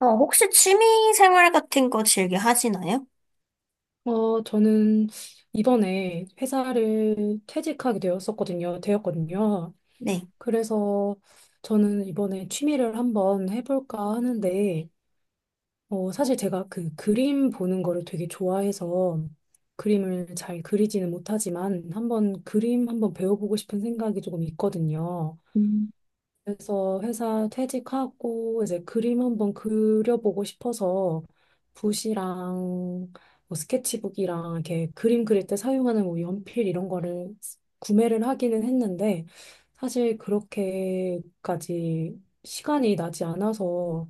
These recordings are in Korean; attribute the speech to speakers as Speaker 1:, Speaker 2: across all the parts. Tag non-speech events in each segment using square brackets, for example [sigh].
Speaker 1: 혹시 취미 생활 같은 거 즐겨 하시나요?
Speaker 2: 어, 저는 이번에 회사를 퇴직하게 되었었거든요. 되었거든요.
Speaker 1: 네.
Speaker 2: 그래서 저는 이번에 취미를 한번 해볼까 하는데, 사실 제가 그 그림 보는 거를 되게 좋아해서 그림을 잘 그리지는 못하지만 한번 그림 한번 배워보고 싶은 생각이 조금 있거든요.
Speaker 1: 음.
Speaker 2: 그래서 회사 퇴직하고 이제 그림 한번 그려보고 싶어서 붓이랑 뭐 스케치북이랑 이렇게 그림 그릴 때 사용하는 뭐 연필 이런 거를 구매를 하기는 했는데 사실 그렇게까지 시간이 나지 않아서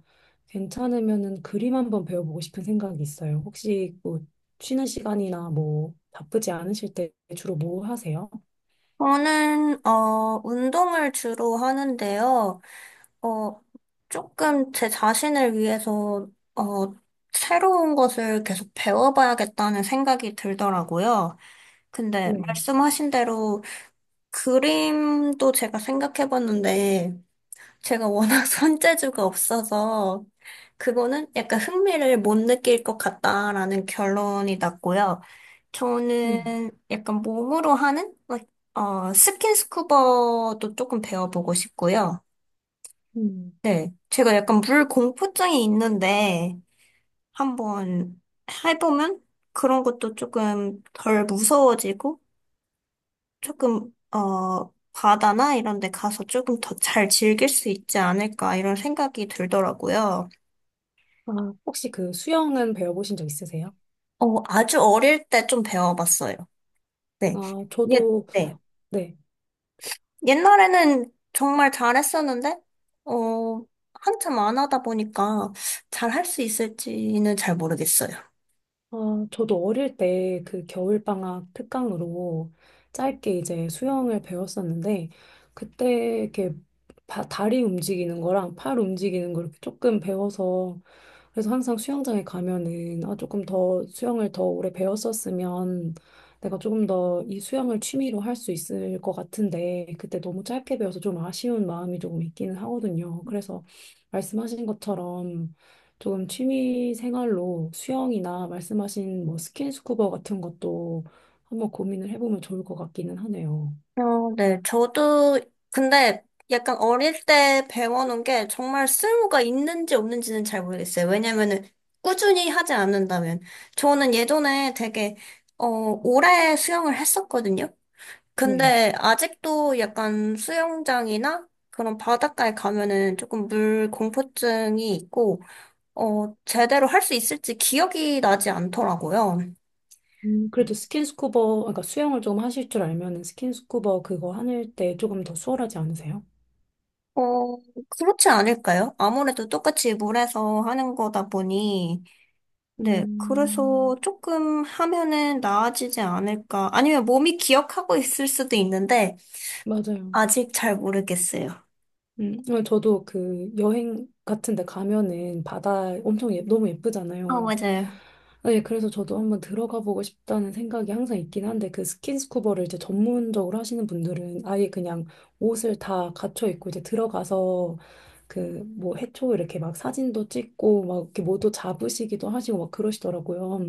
Speaker 2: 괜찮으면은 그림 한번 배워보고 싶은 생각이 있어요. 혹시 뭐 쉬는 시간이나 뭐 바쁘지 않으실 때 주로 뭐 하세요?
Speaker 1: 저는, 운동을 주로 하는데요. 어, 조금 제 자신을 위해서, 어, 새로운 것을 계속 배워봐야겠다는 생각이 들더라고요. 근데
Speaker 2: 네.
Speaker 1: 말씀하신 대로 그림도 제가 생각해봤는데, 제가 워낙 [laughs] 손재주가 없어서 그거는 약간 흥미를 못 느낄 것 같다라는 결론이 났고요.
Speaker 2: 음.
Speaker 1: 저는 약간 몸으로 하는 like, 스킨스쿠버도 조금 배워보고 싶고요.
Speaker 2: 음.
Speaker 1: 네, 제가 약간 물 공포증이 있는데 한번 해보면 그런 것도 조금 덜 무서워지고 조금 바다나 이런 데 가서 조금 더 잘 즐길 수 있지 않을까 이런 생각이 들더라고요.
Speaker 2: 아, 혹시 그 수영은 배워보신 적 있으세요?
Speaker 1: 아주 어릴 때 좀 배워봤어요. 네.
Speaker 2: 아,
Speaker 1: 예,
Speaker 2: 저도,
Speaker 1: 네.
Speaker 2: 네.
Speaker 1: 옛날에는 정말 잘했었는데, 어, 한참 안 하다 보니까 잘할 수 있을지는 잘 모르겠어요.
Speaker 2: 아, 저도 어릴 때 그 겨울방학 특강으로 짧게 이제 수영을 배웠었는데, 그때 이렇게 다리 움직이는 거랑 팔 움직이는 거 이렇게 조금 배워서 그래서 항상 수영장에 가면은 아 조금 더 수영을 더 오래 배웠었으면 내가 조금 더 이 수영을 취미로 할 수 있을 것 같은데 그때 너무 짧게 배워서 좀 아쉬운 마음이 조금 있기는 하거든요. 그래서 말씀하신 것처럼 조금 취미 생활로 수영이나 말씀하신 뭐 스킨스쿠버 같은 것도 한번 고민을 해보면 좋을 것 같기는 하네요.
Speaker 1: 어, 네. 저도, 근데 약간 어릴 때 배워놓은 게 정말 쓸모가 있는지 없는지는 잘 모르겠어요. 왜냐면은 꾸준히 하지 않는다면. 저는 예전에 되게, 오래 수영을 했었거든요.
Speaker 2: 네.
Speaker 1: 근데 아직도 약간 수영장이나 그런 바닷가에 가면은 조금 물 공포증이 있고, 제대로 할 수 있을지 기억이 나지 않더라고요.
Speaker 2: 그래도 스킨스쿠버, 그러니까 수영을 조금 하실 줄 알면은 스킨스쿠버 그거 하실 때 조금 더 수월하지 않으세요?
Speaker 1: 어, 그렇지 않을까요? 아무래도 똑같이 물에서 하는 거다 보니, 네, 그래서
Speaker 2: 음,
Speaker 1: 조금 하면은 나아지지 않을까. 아니면 몸이 기억하고 있을 수도 있는데,
Speaker 2: 맞아요.
Speaker 1: 아직 잘 모르겠어요.
Speaker 2: 어, 저도 그 여행 같은 데 가면은 바다 엄청 예, 너무
Speaker 1: 아,
Speaker 2: 예쁘잖아요.
Speaker 1: 맞아요.
Speaker 2: 아, 예, 그래서 저도 한번 들어가 보고 싶다는 생각이 항상 있긴 한데 그 스킨스쿠버를 이제 전문적으로 하시는 분들은 아예 그냥 옷을 다 갖춰 입고 이제 들어가서 그 뭐 해초 이렇게 막 사진도 찍고 막 이렇게 모도 잡으시기도 하시고 막 그러시더라고요.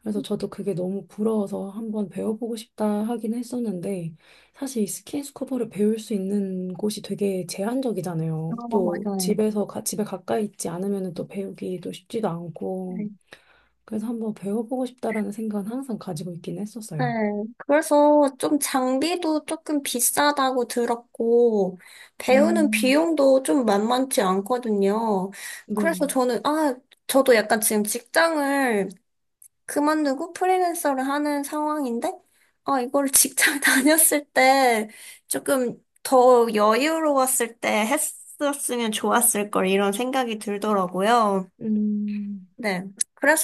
Speaker 2: 그래서 저도 그게 너무 부러워서 한번 배워보고 싶다 하긴 했었는데, 사실 이 스킨스쿠버를 배울 수 있는 곳이 되게
Speaker 1: 아,
Speaker 2: 제한적이잖아요. 또
Speaker 1: 맞아요.
Speaker 2: 집에 가까이 있지 않으면 또 배우기도 쉽지도 않고, 그래서 한번 배워보고 싶다라는 생각은 항상 가지고 있긴
Speaker 1: 네,
Speaker 2: 했었어요.
Speaker 1: 그래서 좀 장비도 조금 비싸다고 들었고, 배우는
Speaker 2: 음,
Speaker 1: 비용도 좀 만만치 않거든요.
Speaker 2: 네.
Speaker 1: 그래서 저는, 아, 저도 약간 지금 직장을 그만두고 프리랜서를 하는 상황인데, 아, 이걸 직장 [laughs] 다녔을 때 조금 더 여유로웠을 때 했었으면 좋았을 걸 이런 생각이 들더라고요.
Speaker 2: 음,
Speaker 1: 네.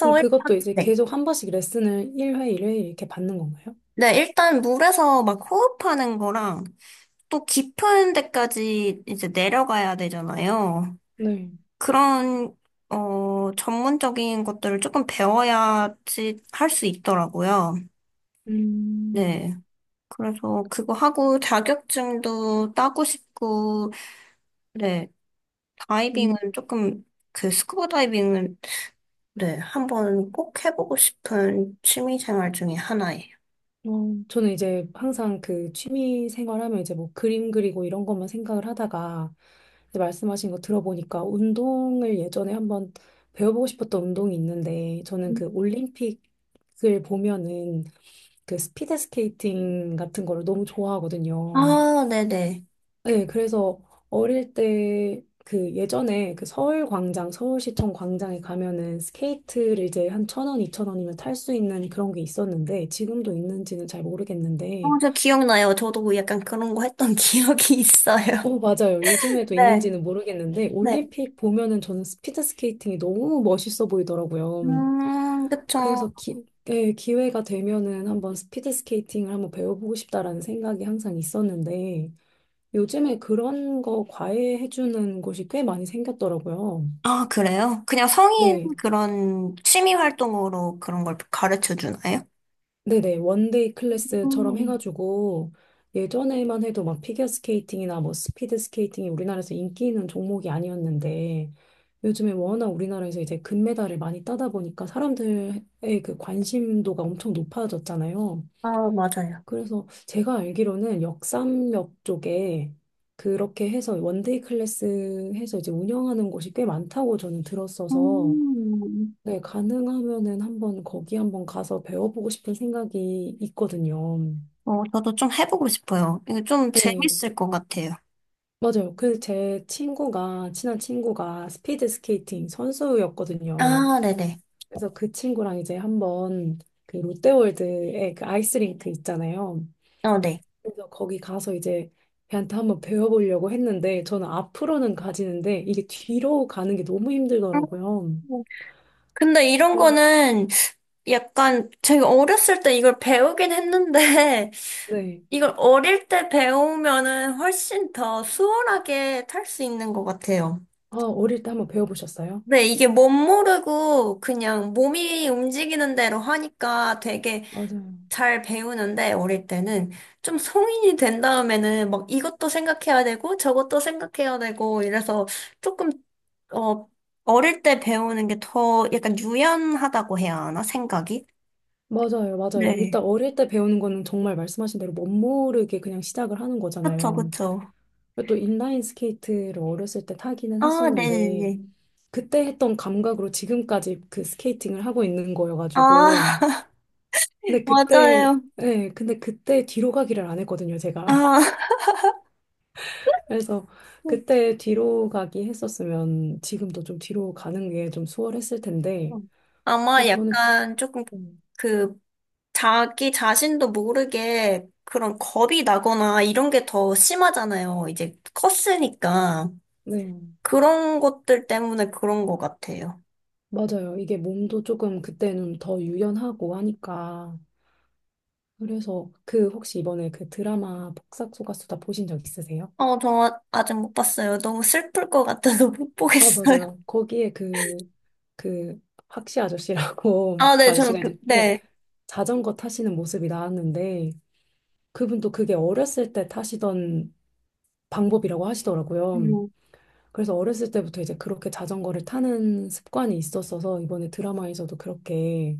Speaker 2: 그럼
Speaker 1: 일단,
Speaker 2: 그것도 이제
Speaker 1: 네.
Speaker 2: 계속 한 번씩 레슨을 일회 이렇게 받는 건가요?
Speaker 1: 네, 일단 물에서 막 호흡하는 거랑 또 깊은 데까지 이제 내려가야 되잖아요.
Speaker 2: 네.
Speaker 1: 그런, 전문적인 것들을 조금 배워야지 할 수 있더라고요.
Speaker 2: 음.
Speaker 1: 네. 그래서 그거 하고 자격증도 따고 싶고, 네.
Speaker 2: 음.
Speaker 1: 다이빙은 조금, 그 스쿠버 다이빙은, 네. 한번 꼭 해보고 싶은 취미 생활 중에 하나예요.
Speaker 2: 어, 저는 이제 항상 그 취미 생활하면 이제 뭐 그림 그리고 이런 것만 생각을 하다가 이제 말씀하신 거 들어보니까 운동을 예전에 한번 배워보고 싶었던 운동이 있는데 저는 그 올림픽을 보면은 그 스피드 스케이팅 같은 거를 너무 좋아하거든요.
Speaker 1: 아, 네네.
Speaker 2: 네, 그래서 어릴 때 그 예전에 그 서울 광장, 서울시청 광장에 가면은 스케이트를 이제 한 천 원, 이천 원이면 탈 수 있는 그런 게 있었는데 지금도 있는지는 잘
Speaker 1: 어,
Speaker 2: 모르겠는데
Speaker 1: 저 기억나요. 저도 약간 그런 거 했던 [laughs] 기억이 있어요.
Speaker 2: 어, 맞아요. 요즘에도
Speaker 1: 네.
Speaker 2: 있는지는 모르겠는데,
Speaker 1: 네.
Speaker 2: 올림픽 보면은 저는 스피드 스케이팅이 너무 멋있어 보이더라고요.
Speaker 1: 그쵸.
Speaker 2: 그래서 예, 기회가 되면은 한번 스피드 스케이팅을 한번 배워보고 싶다라는 생각이 항상 있었는데, 요즘에 그런 거 과외해주는 곳이 꽤 많이 생겼더라고요.
Speaker 1: 아, 그래요? 그냥 성인
Speaker 2: 네.
Speaker 1: 그런 취미 활동으로 그런 걸 가르쳐 주나요?
Speaker 2: 네네, 원데이 클래스처럼
Speaker 1: 음,
Speaker 2: 해가지고 예전에만 해도 막 피겨 스케이팅이나 뭐 스피드 스케이팅이 우리나라에서 인기 있는 종목이 아니었는데 요즘에 워낙 우리나라에서 이제 금메달을 많이 따다 보니까 사람들의 그 관심도가 엄청 높아졌잖아요.
Speaker 1: 아, 맞아요.
Speaker 2: 그래서 제가 알기로는 역삼역 쪽에 그렇게 해서 원데이 클래스 해서 이제 운영하는 곳이 꽤 많다고 저는 들었어서
Speaker 1: 음.
Speaker 2: 네, 가능하면은 한번 거기 한번 가서 배워보고 싶은 생각이 있거든요.
Speaker 1: 어, 저도 좀 해보고 싶어요. 이거 좀
Speaker 2: 네,
Speaker 1: 재밌을 것 같아요.
Speaker 2: 맞아요. 그 제 친구가, 친한 친구가 스피드 스케이팅 선수였거든요.
Speaker 1: 아, 네네.
Speaker 2: 그래서 그 친구랑 이제 한번 그 롯데월드에 그 아이스링크 있잖아요.
Speaker 1: 어, 네.
Speaker 2: 그래서 거기 가서 이제 걔한테 한번 배워보려고 했는데 저는 앞으로는 가지는데 이게 뒤로 가는 게 너무 힘들더라고요.
Speaker 1: 음, 근데 이런
Speaker 2: 네,
Speaker 1: 거는 약간 제가 어렸을 때 이걸 배우긴 했는데
Speaker 2: 네.
Speaker 1: [laughs] 이걸 어릴 때 배우면은 훨씬 더 수월하게 탈 수 있는 것 같아요.
Speaker 2: 아, 어릴 때 한번 배워보셨어요?
Speaker 1: 네, 이게 멋 모르고 그냥 몸이 움직이는 대로 하니까 되게
Speaker 2: 맞아요.
Speaker 1: 잘 배우는데 어릴 때는 좀 성인이 된 다음에는 막 이것도 생각해야 되고 저것도 생각해야 되고 이래서 조금 어 어릴 때 배우는 게 더 약간 유연하다고 해야 하나 생각이?
Speaker 2: 맞아요, 맞아요.
Speaker 1: 네.
Speaker 2: 일단 어릴 때 배우는 거는 정말 말씀하신 대로 멋모르게 그냥 시작을 하는
Speaker 1: 그쵸,
Speaker 2: 거잖아요.
Speaker 1: 그쵸.
Speaker 2: 또 인라인 스케이트를 어렸을 때 타기는
Speaker 1: 아,
Speaker 2: 했었는데,
Speaker 1: 네네네.
Speaker 2: 그때 했던 감각으로 지금까지 그 스케이팅을 하고 있는
Speaker 1: 아,
Speaker 2: 거여가지고.
Speaker 1: [laughs]
Speaker 2: 근데 그때,
Speaker 1: 맞아요.
Speaker 2: 네, 근데 그때 뒤로 가기를 안 했거든요, 제가.
Speaker 1: 아.
Speaker 2: [laughs] 그래서 그때 뒤로 가기 했었으면 지금도 좀 뒤로 가는 게 좀 수월했을 텐데.
Speaker 1: 아마
Speaker 2: 그래서 저는,
Speaker 1: 약간 조금
Speaker 2: 음,
Speaker 1: 그 자기 자신도 모르게 그런 겁이 나거나 이런 게 더 심하잖아요. 이제 컸으니까.
Speaker 2: 네,
Speaker 1: 그런 것들 때문에 그런 것 같아요.
Speaker 2: 맞아요. 이게 몸도 조금 그때는 더 유연하고 하니까. 그래서 그 혹시 이번에 그 드라마 복싹소가수다 보신 적 있으세요?
Speaker 1: 저 아직 못 봤어요. 너무 슬플 것 같아서 [laughs] 못
Speaker 2: 아,
Speaker 1: 보겠어요.
Speaker 2: 맞아요. 거기에 그, 박씨 아저씨라고,
Speaker 1: 아,
Speaker 2: [laughs] 그
Speaker 1: 네, 저는,
Speaker 2: 아저씨가
Speaker 1: 그,
Speaker 2: 이제, 네,
Speaker 1: 네.
Speaker 2: 자전거 타시는 모습이 나왔는데, 그분도 그게 어렸을 때 타시던 방법이라고 하시더라고요.
Speaker 1: 음,
Speaker 2: 그래서 어렸을 때부터 이제 그렇게 자전거를 타는 습관이 있었어서, 이번에 드라마에서도 그렇게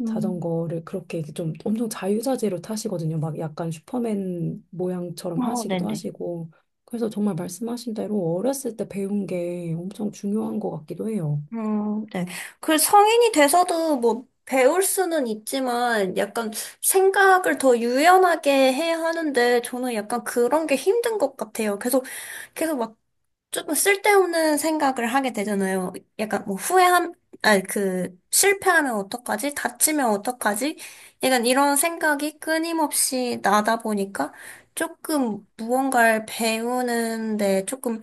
Speaker 1: 음.
Speaker 2: 자전거를 그렇게 좀 엄청 자유자재로 타시거든요. 막 약간 슈퍼맨 모양처럼
Speaker 1: 어,
Speaker 2: 하시기도
Speaker 1: 네네.
Speaker 2: 하시고. 그래서 정말 말씀하신 대로 어렸을 때 배운 게 엄청 중요한 것 같기도 해요.
Speaker 1: 네. 그 성인이 돼서도 뭐 배울 수는 있지만 약간 생각을 더 유연하게 해야 하는데 저는 약간 그런 게 힘든 것 같아요. 계속, 계속 막 조금 쓸데없는 생각을 하게 되잖아요. 약간 뭐 후회함, 아니 그 실패하면 어떡하지? 다치면 어떡하지? 약간 이런 생각이 끊임없이 나다 보니까 조금 무언가를 배우는데 조금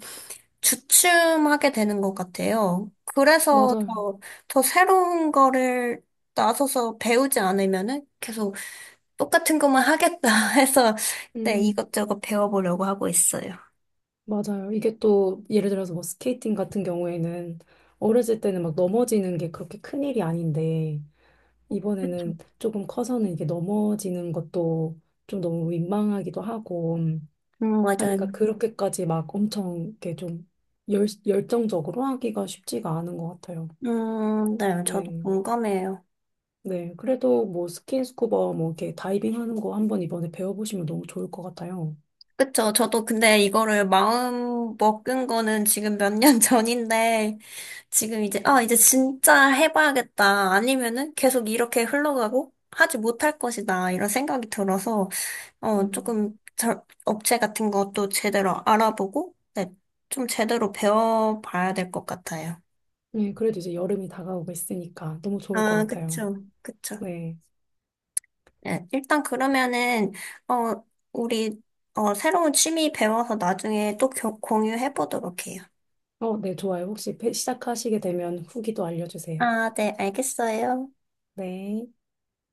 Speaker 1: 주춤하게 되는 것 같아요. 그래서
Speaker 2: 맞아요.
Speaker 1: 더, 더 새로운 거를 나서서 배우지 않으면은 계속 똑같은 것만 하겠다 [laughs] 해서 네,
Speaker 2: 음,
Speaker 1: 이것저것 배워보려고 하고 있어요.
Speaker 2: 맞아요. 이게 또 예를 들어서 뭐 스케이팅 같은 경우에는 어렸을 때는 막 넘어지는 게 그렇게 큰일이 아닌데 이번에는 조금 커서는 이게 넘어지는 것도 좀 너무 민망하기도 하고 하니그니
Speaker 1: 맞아요.
Speaker 2: 까 그렇게까지 막 엄청 이렇게 좀 열정적으로 하기가 쉽지가 않은 것 같아요.
Speaker 1: 네, 저도
Speaker 2: 네.
Speaker 1: 공감해요.
Speaker 2: 네. 그래도 뭐 스킨스쿠버 뭐 이렇게 다이빙 하는 거 한번 이번에 배워보시면 너무 좋을 것 같아요.
Speaker 1: 그쵸. 저도 근데 이거를 마음 먹은 거는 지금 몇 년 [laughs] 전인데, 지금 이제, 아, 이제 진짜 해봐야겠다. 아니면은 계속 이렇게 흘러가고 하지 못할 것이다. 이런 생각이 들어서,
Speaker 2: 음.
Speaker 1: 조금 자, 업체 같은 것도 제대로 알아보고, 네, 좀 제대로 배워봐야 될 것 같아요.
Speaker 2: 네. 그래도 이제 여름이 다가오고 있으니까 너무 좋을 것
Speaker 1: 아,
Speaker 2: 같아요.
Speaker 1: 그쵸, 그쵸.
Speaker 2: 네.
Speaker 1: 네, 일단 그러면은, 어, 우리, 새로운 취미 배워서 나중에 또 공유해보도록 해요.
Speaker 2: 어, 네. 좋아요. 혹시 시작하시게 되면 후기도 알려주세요.
Speaker 1: 아, 네, 알겠어요.
Speaker 2: 네.